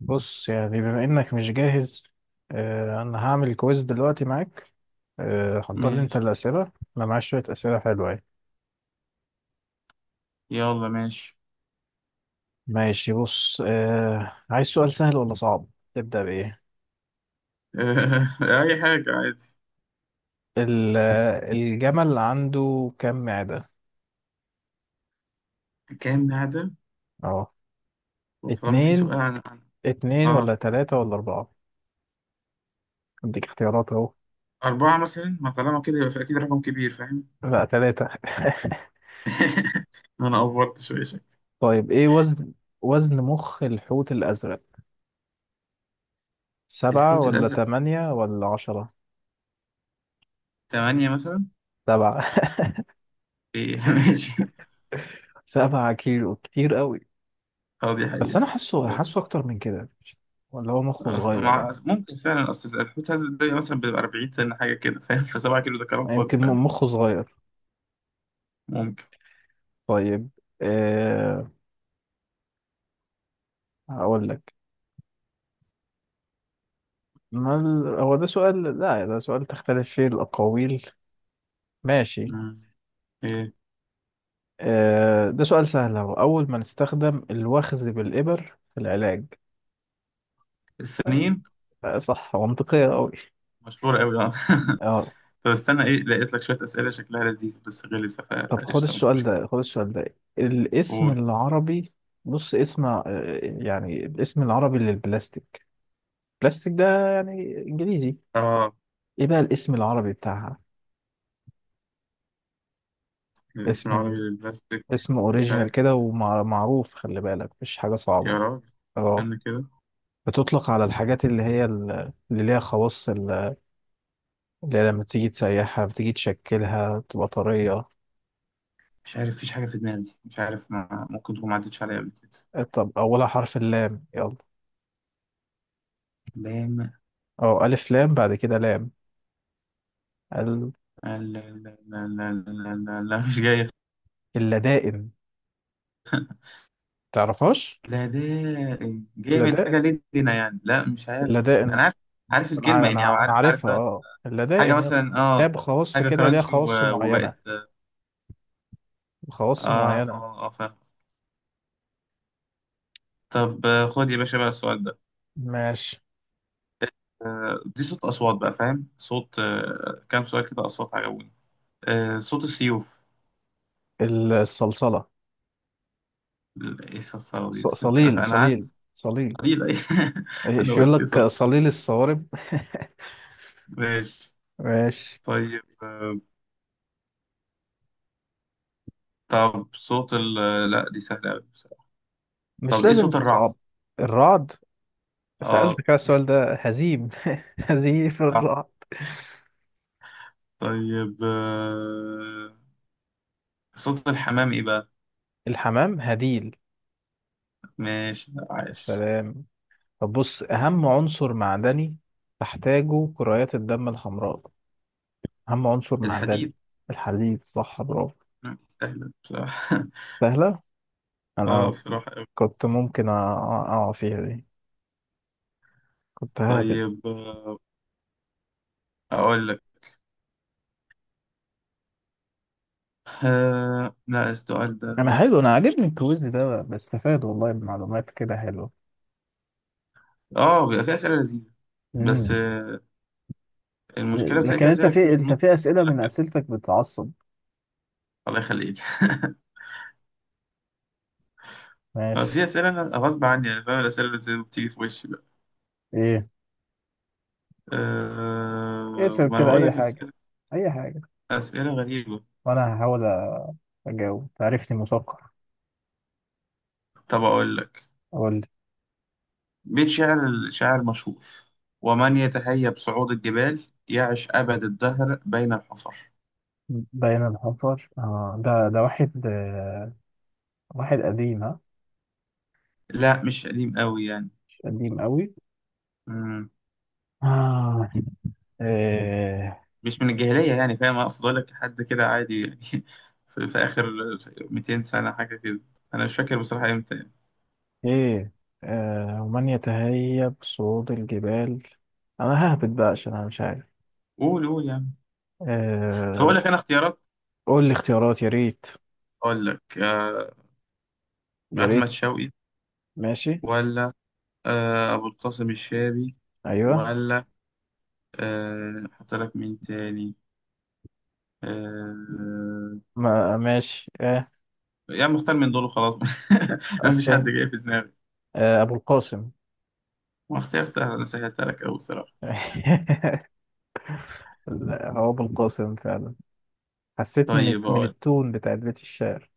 بص يعني بما انك مش جاهز. آه، انا هعمل كويز دلوقتي معاك. آه، حضر لي انت ماشي. الاسئله. انا معايا شويه اسئله حلوه يعني. يلا ماشي. ماشي، بص آه، عايز سؤال سهل ولا صعب؟ تبدا بايه؟ أي حاجة عادي. آه، الجمل عنده كم معده؟ كام عدد؟ اه. وطالما في اتنين سؤال عن اتنين آه ولا تلاته ولا اربعه؟ اديك اختيارات اهو. أربعة مثلا، ما طالما كده يبقى أكيد رقم كبير، فاهم؟ لا، تلاته. أنا أفورت شوية شكل. طيب ايه وزن، وزن مخ الحوت الازرق؟ سبعه الحوت ولا الأزرق، تمانيه ولا عشره؟ ثمانية مثلا. سبعه. إيه ماشي. سبعة كيلو كتير قوي، أه دي بس حقيقة. انا حاسه بس حاسه اكتر من كده. ولا هو مخه صغير ولا؟ ممكن فعلا، أصل الحوت الأزرق ده مثلا بيبقى 40 سنة حاجة كده، فاهم؟ فسبعة كيلو ده كلام يعني فاضي يمكن فعلا. مخه صغير. ممكن. طيب، أه هقول لك. ما ال... هو ده سؤال، لا ده سؤال تختلف فيه الأقاويل. ماشي، مم. إيه. أه ده سؤال سهل أهو. أول ما نستخدم الوخز بالإبر في العلاج؟ السنين. أه صح، منطقية أوي. مشهورة أوي، آه. أه طب استنى ايه، لقيت لك شوية أسئلة شكلها لذيذ بس غلسة، طب خد فقشطة مش السؤال مشكلة. ده، الاسم قول. العربي. بص اسم آه، يعني الاسم العربي للبلاستيك. بلاستيك ده يعني انجليزي، اه ايه بقى الاسم العربي بتاعها؟ الاسم العربي اسم، للبلاستيك. اسم مش اوريجينال عارف. كده ومعروف، خلي بالك مش حاجة يا صعبة. راجل. اه، استنى كده. بتطلق على الحاجات اللي هي اللي ليها اللي هي لما تيجي تسيحها بتيجي تشكلها تبقى طرية. مش عارف، فيش حاجة في دماغي. مش عارف، ما ممكن تكون ما عدتش عليا قبل كده. آه، طب أولها حرف اللام، يلا. بام. اه ألف لام، بعد كده لام. ال- لا لا لا لا لا لا لا، مش جاية. اللدائن. تعرفهاش؟ لا ده جاي من حاجة اللدائن، لدينا يعني، لا مش عارف، بس أنا اللدائن. عارف. عارف الكلمة أنا يعني، أنا أو أنا عارف عارفها، الوقت. اه حاجة اللدائن، يلا. مثلا، اه. لعبة خواص حاجة كده، ليها كرانشي خواص وبقت. معينة، خواص اه معينة. اه اه، فاهم. طب خد يا باشا بقى السؤال ده. ماشي. دي صوت أصوات بقى، فاهم؟ صوت، كام سؤال كده أصوات عجبوني. صوت السيوف. الصلصلة. إيه الصرصرة دي؟ بس أنت، صليل أنا قعدت. صليل صليل. قليل، أي أنا ايش يقول قلت إيه لك الصرصرة صليل دي؟ الصوارب. ماشي. ماشي، طيب طب صوت ال، لا دي سهلة أوي بصراحة. مش طب إيه لازم صوت الرعد؟ تصعب. الرعد، أه سألتك على دي السؤال سهلة. ده، هزيم، هزيم صح. الرعد. طيب صوت الحمام إيه بقى؟ الحمام هديل. ماشي. لا، عايش. السلام. طب بص، أهم عنصر معدني تحتاجه كريات الدم الحمراء، أهم عنصر معدني. الحديد. الحديد، صح برافو. سهلة بصراحة سهلة. أه أنا بصراحة أوي. كنت ممكن أقع فيها دي، كنت ههبد. طيب أقول لك. لا السؤال انا ده، حلو، انا عاجبني الكويز ده، بستفاد والله بمعلومات كده حلوه. اه بيبقى فيه أسئلة لذيذة. بس امم. المشكلة بتلاقي لكن فيه انت أسئلة كتير في في انت النص في اسئله من كده. اسئلتك بتعصب. الله يخليك ما ماشي. في أسئلة أنا غصب عني، يعني فاهم الأسئلة اللي بتيجي في وشي بقى. ايه، اسال ما أنا كده بقول اي لك حاجه، أسئلة، اي حاجه، أسئلة غريبة. وانا هحاول اجاوب، تعرفني مثقف. طب أقول لك اقول لي. بيت شعر الشاعر مشهور: ومن يتهيأ بصعود الجبال، يعش أبد الدهر بين الحفر. بين الحفر، اه ده واحد آه، واحد قديم، ها؟ لا مش قديم قوي، مش قديم قوي. يعني آه. ايه، مش من الجاهلية، يعني فاهم أقصد؟ أقول لك حد كده عادي يعني. في آخر 200 سنة حاجة كده، أنا مش فاكر بصراحة إمتى يعني. ايه. آه، ومن يتهيب صعود الجبال. انا ههبط بقى عشان انا مش عارف. قول قول يعني. طب آه، أقول لك أنا اختيارات. قول لي اختيارات يا ريت، أقول لك يا ريت. أحمد شوقي، ماشي، ولا أبو القاسم الشابي، ايوه، ولا أحط لك مين تاني، آه. ما ماشي اه. يعني مختار من دول وخلاص. أنا أس... مفيش حد جاي في دماغي. آه، ابو القاسم. ما اختيار سهل، أنا سهلتها لك أوي بصراحة. لا، هو ابو القاسم فعلا، حسيت من طيب أقول. التون بتاعت بيت الشعر.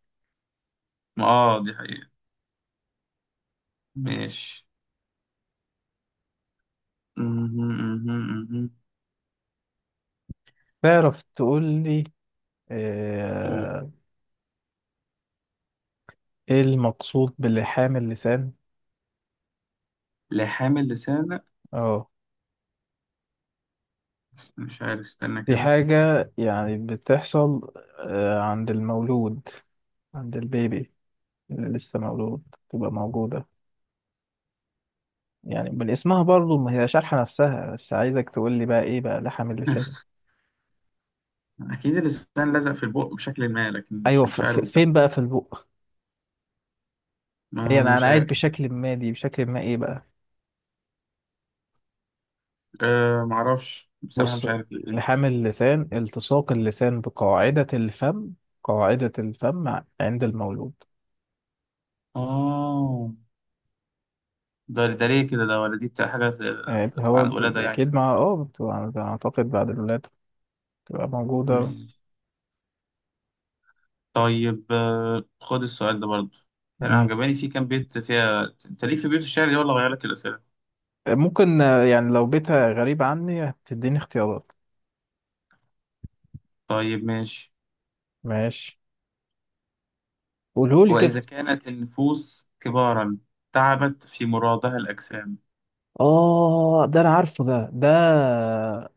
ما آه دي حقيقة. ماشي. مهم، مهم، تعرف تقول لي مهم. آه، ايه المقصود بلحام اللسان؟ لحامل لسان، لأ. اه، مش عارف، استنى دي كده. حاجة يعني بتحصل آه، عند المولود، عند البيبي اللي لسه مولود، تبقى موجودة. يعني من اسمها برضو، ما هي شارحة نفسها، بس عايزك تقول لي بقى ايه بقى لحم اللسان. أكيد اللسان لزق في البق بشكل ما، لكن مش ايوه، مش عارف فين بصراحة. بقى في البق؟ هي ما أنا انا انا مش عايز عارف. بشكل ما، دي بشكل ما ايه بقى؟ أه معرفش بصراحة، بص، مش عارف الحاجة. لحام اللسان التصاق اللسان بقاعدة الفم، قاعدة الفم عند المولود. آه ده ليه كده ده؟ ولا دي بتاع حاجة؟ آه، هو عن الولادة يعني. اكيد مع اه بتبقى اعتقد بعد الولادة، بتبقى موجودة. مم. طيب خد السؤال ده برضه. أنا مم. عجباني في كام بيت فيها، أنت ليك في بيوت الشعر دي ولا أغير لك الأسئلة؟ ممكن آه، يعني لو بيتها غريب عني هتديني اختيارات. طيب ماشي. ماشي، قولهولي كده. وإذا كانت النفوس كبارا، تعبت في مرادها الأجسام. اه ده انا عارفه، ده ده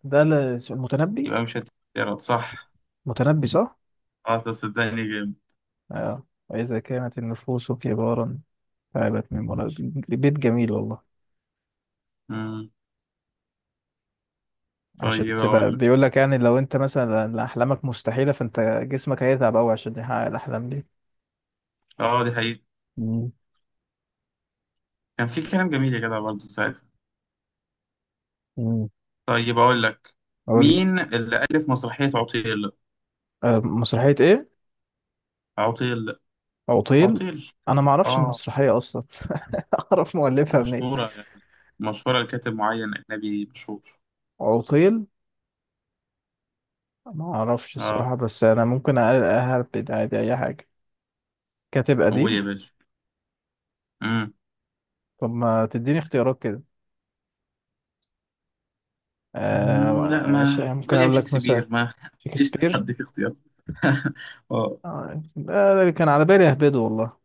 ده اسمه المتنبي. يبقى مش هتقدر، صح. متنبي صح. اه طب صدقني جامد. اه، واذا كانت النفوس كبارا، تعبت من منى. بيت جميل والله. مم. عشان طيب تبقى اقول لك. بيقول لك يعني لو انت مثلا احلامك مستحيله، فانت جسمك هيتعب قوي عشان يحقق الاحلام دي. اه دي حقيقة. مم. كان في كلام جميل يا جدع برضه ساعتها. مم. طيب اقول لك، قول لي. مين اللي ألف مسرحية عطيل؟ آه، مسرحيه ايه؟ عطيل. عطيل. عطيل. انا ما اعرفش اه المسرحيه اصلا، اعرف مؤلفها منين؟ مشهورة يعني، مشهورة لكاتب معين أجنبي مشهور. عطيل، ما اعرفش اه. الصراحه، بس انا ممكن اهبد عادي اي حاجه. كاتب قول يا قديم. باشا. مم. طب ما تديني اختيارات كده. آه مم، لا ما ماشي، ممكن ويليام اقول لك مثلا شكسبير، ما ايش شكسبير. هديك اختيار؟ اه. آه. آه، ده كان على بالي اهبده والله.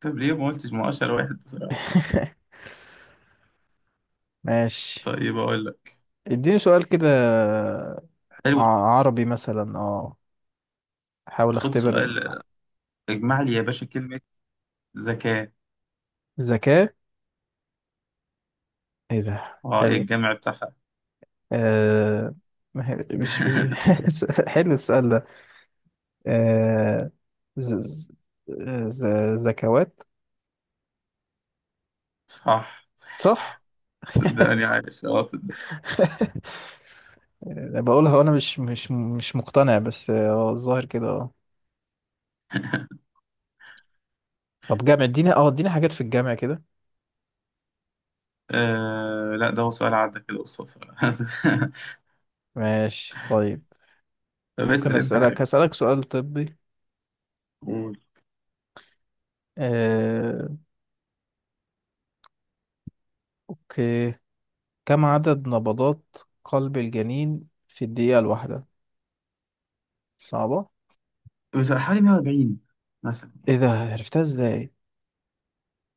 طب ليه ما قلتش؟ ما اشهر واحد بصراحة. ماشي، طيب اقول لك. اديني سؤال كده، ع- حلو. عربي مثلا اه، احاول خد اختبر. سؤال. اجمع لي يا باشا كلمة ذكاء. ذكاء؟ ايه ده اه ايه حلو. الجامع بتاعها؟ آه، ما حلو السؤال ده. آه. ز... ز... ز- زكوات. صح. صح. صدقني عايش، اه صدق. آه، بقولها وانا مش مقتنع، بس اه الظاهر كده اه. طب جامع، اديني اه اديني حاجات في الجامع كده. آه لا، ده هو سؤال عدى كده قصاد سؤال ماشي طيب. طب ممكن اسأل انت اسالك، حاجة. هسالك سؤال طبي. قول. آه، اوكي، كم عدد نبضات قلب الجنين في الدقيقة الواحدة؟ صعبة. بس حوالي 140 مثلا ايه يعني. ده، عرفتها ازاي؟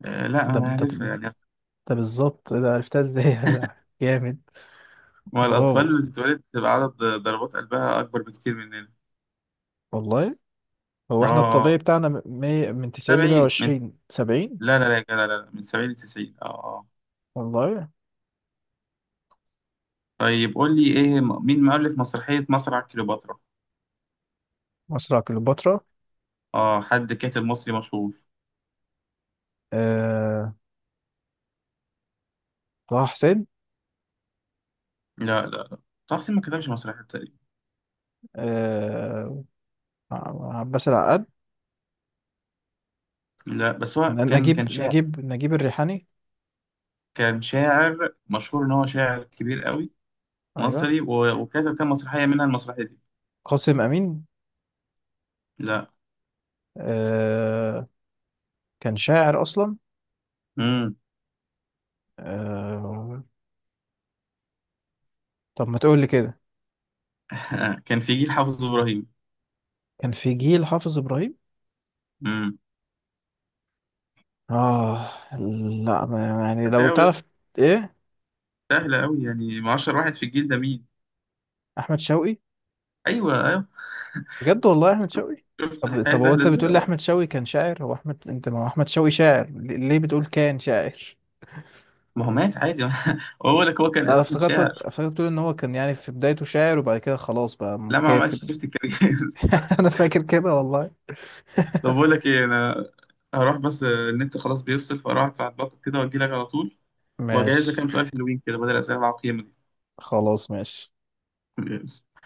لا ده انا ده، عارفها يعني. ده بالظبط، ايه ده عرفتها ازاي؟ ده جامد. ما الأطفال برافو، اللي بتتولد بتبقى عدد ضربات قلبها أكبر بكتير مننا. والله. هو احنا الطبيعي اه بتاعنا من 90 ل 70 من، 120، 70. لا لا لا يا جدع، لا لا من 70 ل 90. اه اه. والله. طيب قول لي ايه، مين مؤلف مسرحية مسرح كليوباترا؟ مصر على كليوباترا. اه حد كاتب مصري مشهور. آه، طه حسين. لا لا لا، طه حسين ما كتبش مسرحية. آه، عباس العقاد. لا بس هو ن- كان نجيب شاعر. نجيب نجيب الريحاني. كان شاعر مشهور، ان هو شاعر كبير قوي، ايوه، مصري وكتب كام مسرحيه منها المسرحيه دي. قاسم امين. لا. آه، كان شاعر اصلا. امم. آه، طب ما تقول لي كده. كان في جيل حافظ ابراهيم. كان في جيل حافظ ابراهيم. امم. اه. لا يعني سهله لو قوي يا اسطى، تعرف. ايه، سهله قوي يعني، ما 10 واحد في الجيل ده مين؟ احمد شوقي؟ ايوه ايوه. بجد، والله احمد شوقي. شفت طب الحياه طب، هو سهله انت ازاي، بتقول لي اه. احمد شوقي كان شاعر، هو احمد انت، ما هو احمد شوقي شاعر، ليه ليه بتقول كان شاعر؟ ما هو مات عادي. بقول لك هو كان انا اساسا افتكرتك، شاعر. افتكرت تقول ان هو كان يعني في بدايته شاعر، وبعد كده خلاص بقى لا ما عملش، كاتب. شفت الكارير. انا فاكر كده والله. طب بقول لك ايه انا، هروح بس النت خلاص بيفصل، فاروح ادفع الباقه كده واجي لك على طول. واجهز لك ماشي، كام سؤال حلوين كده بدل الاسئله العقيمه خلاص ماشي. دي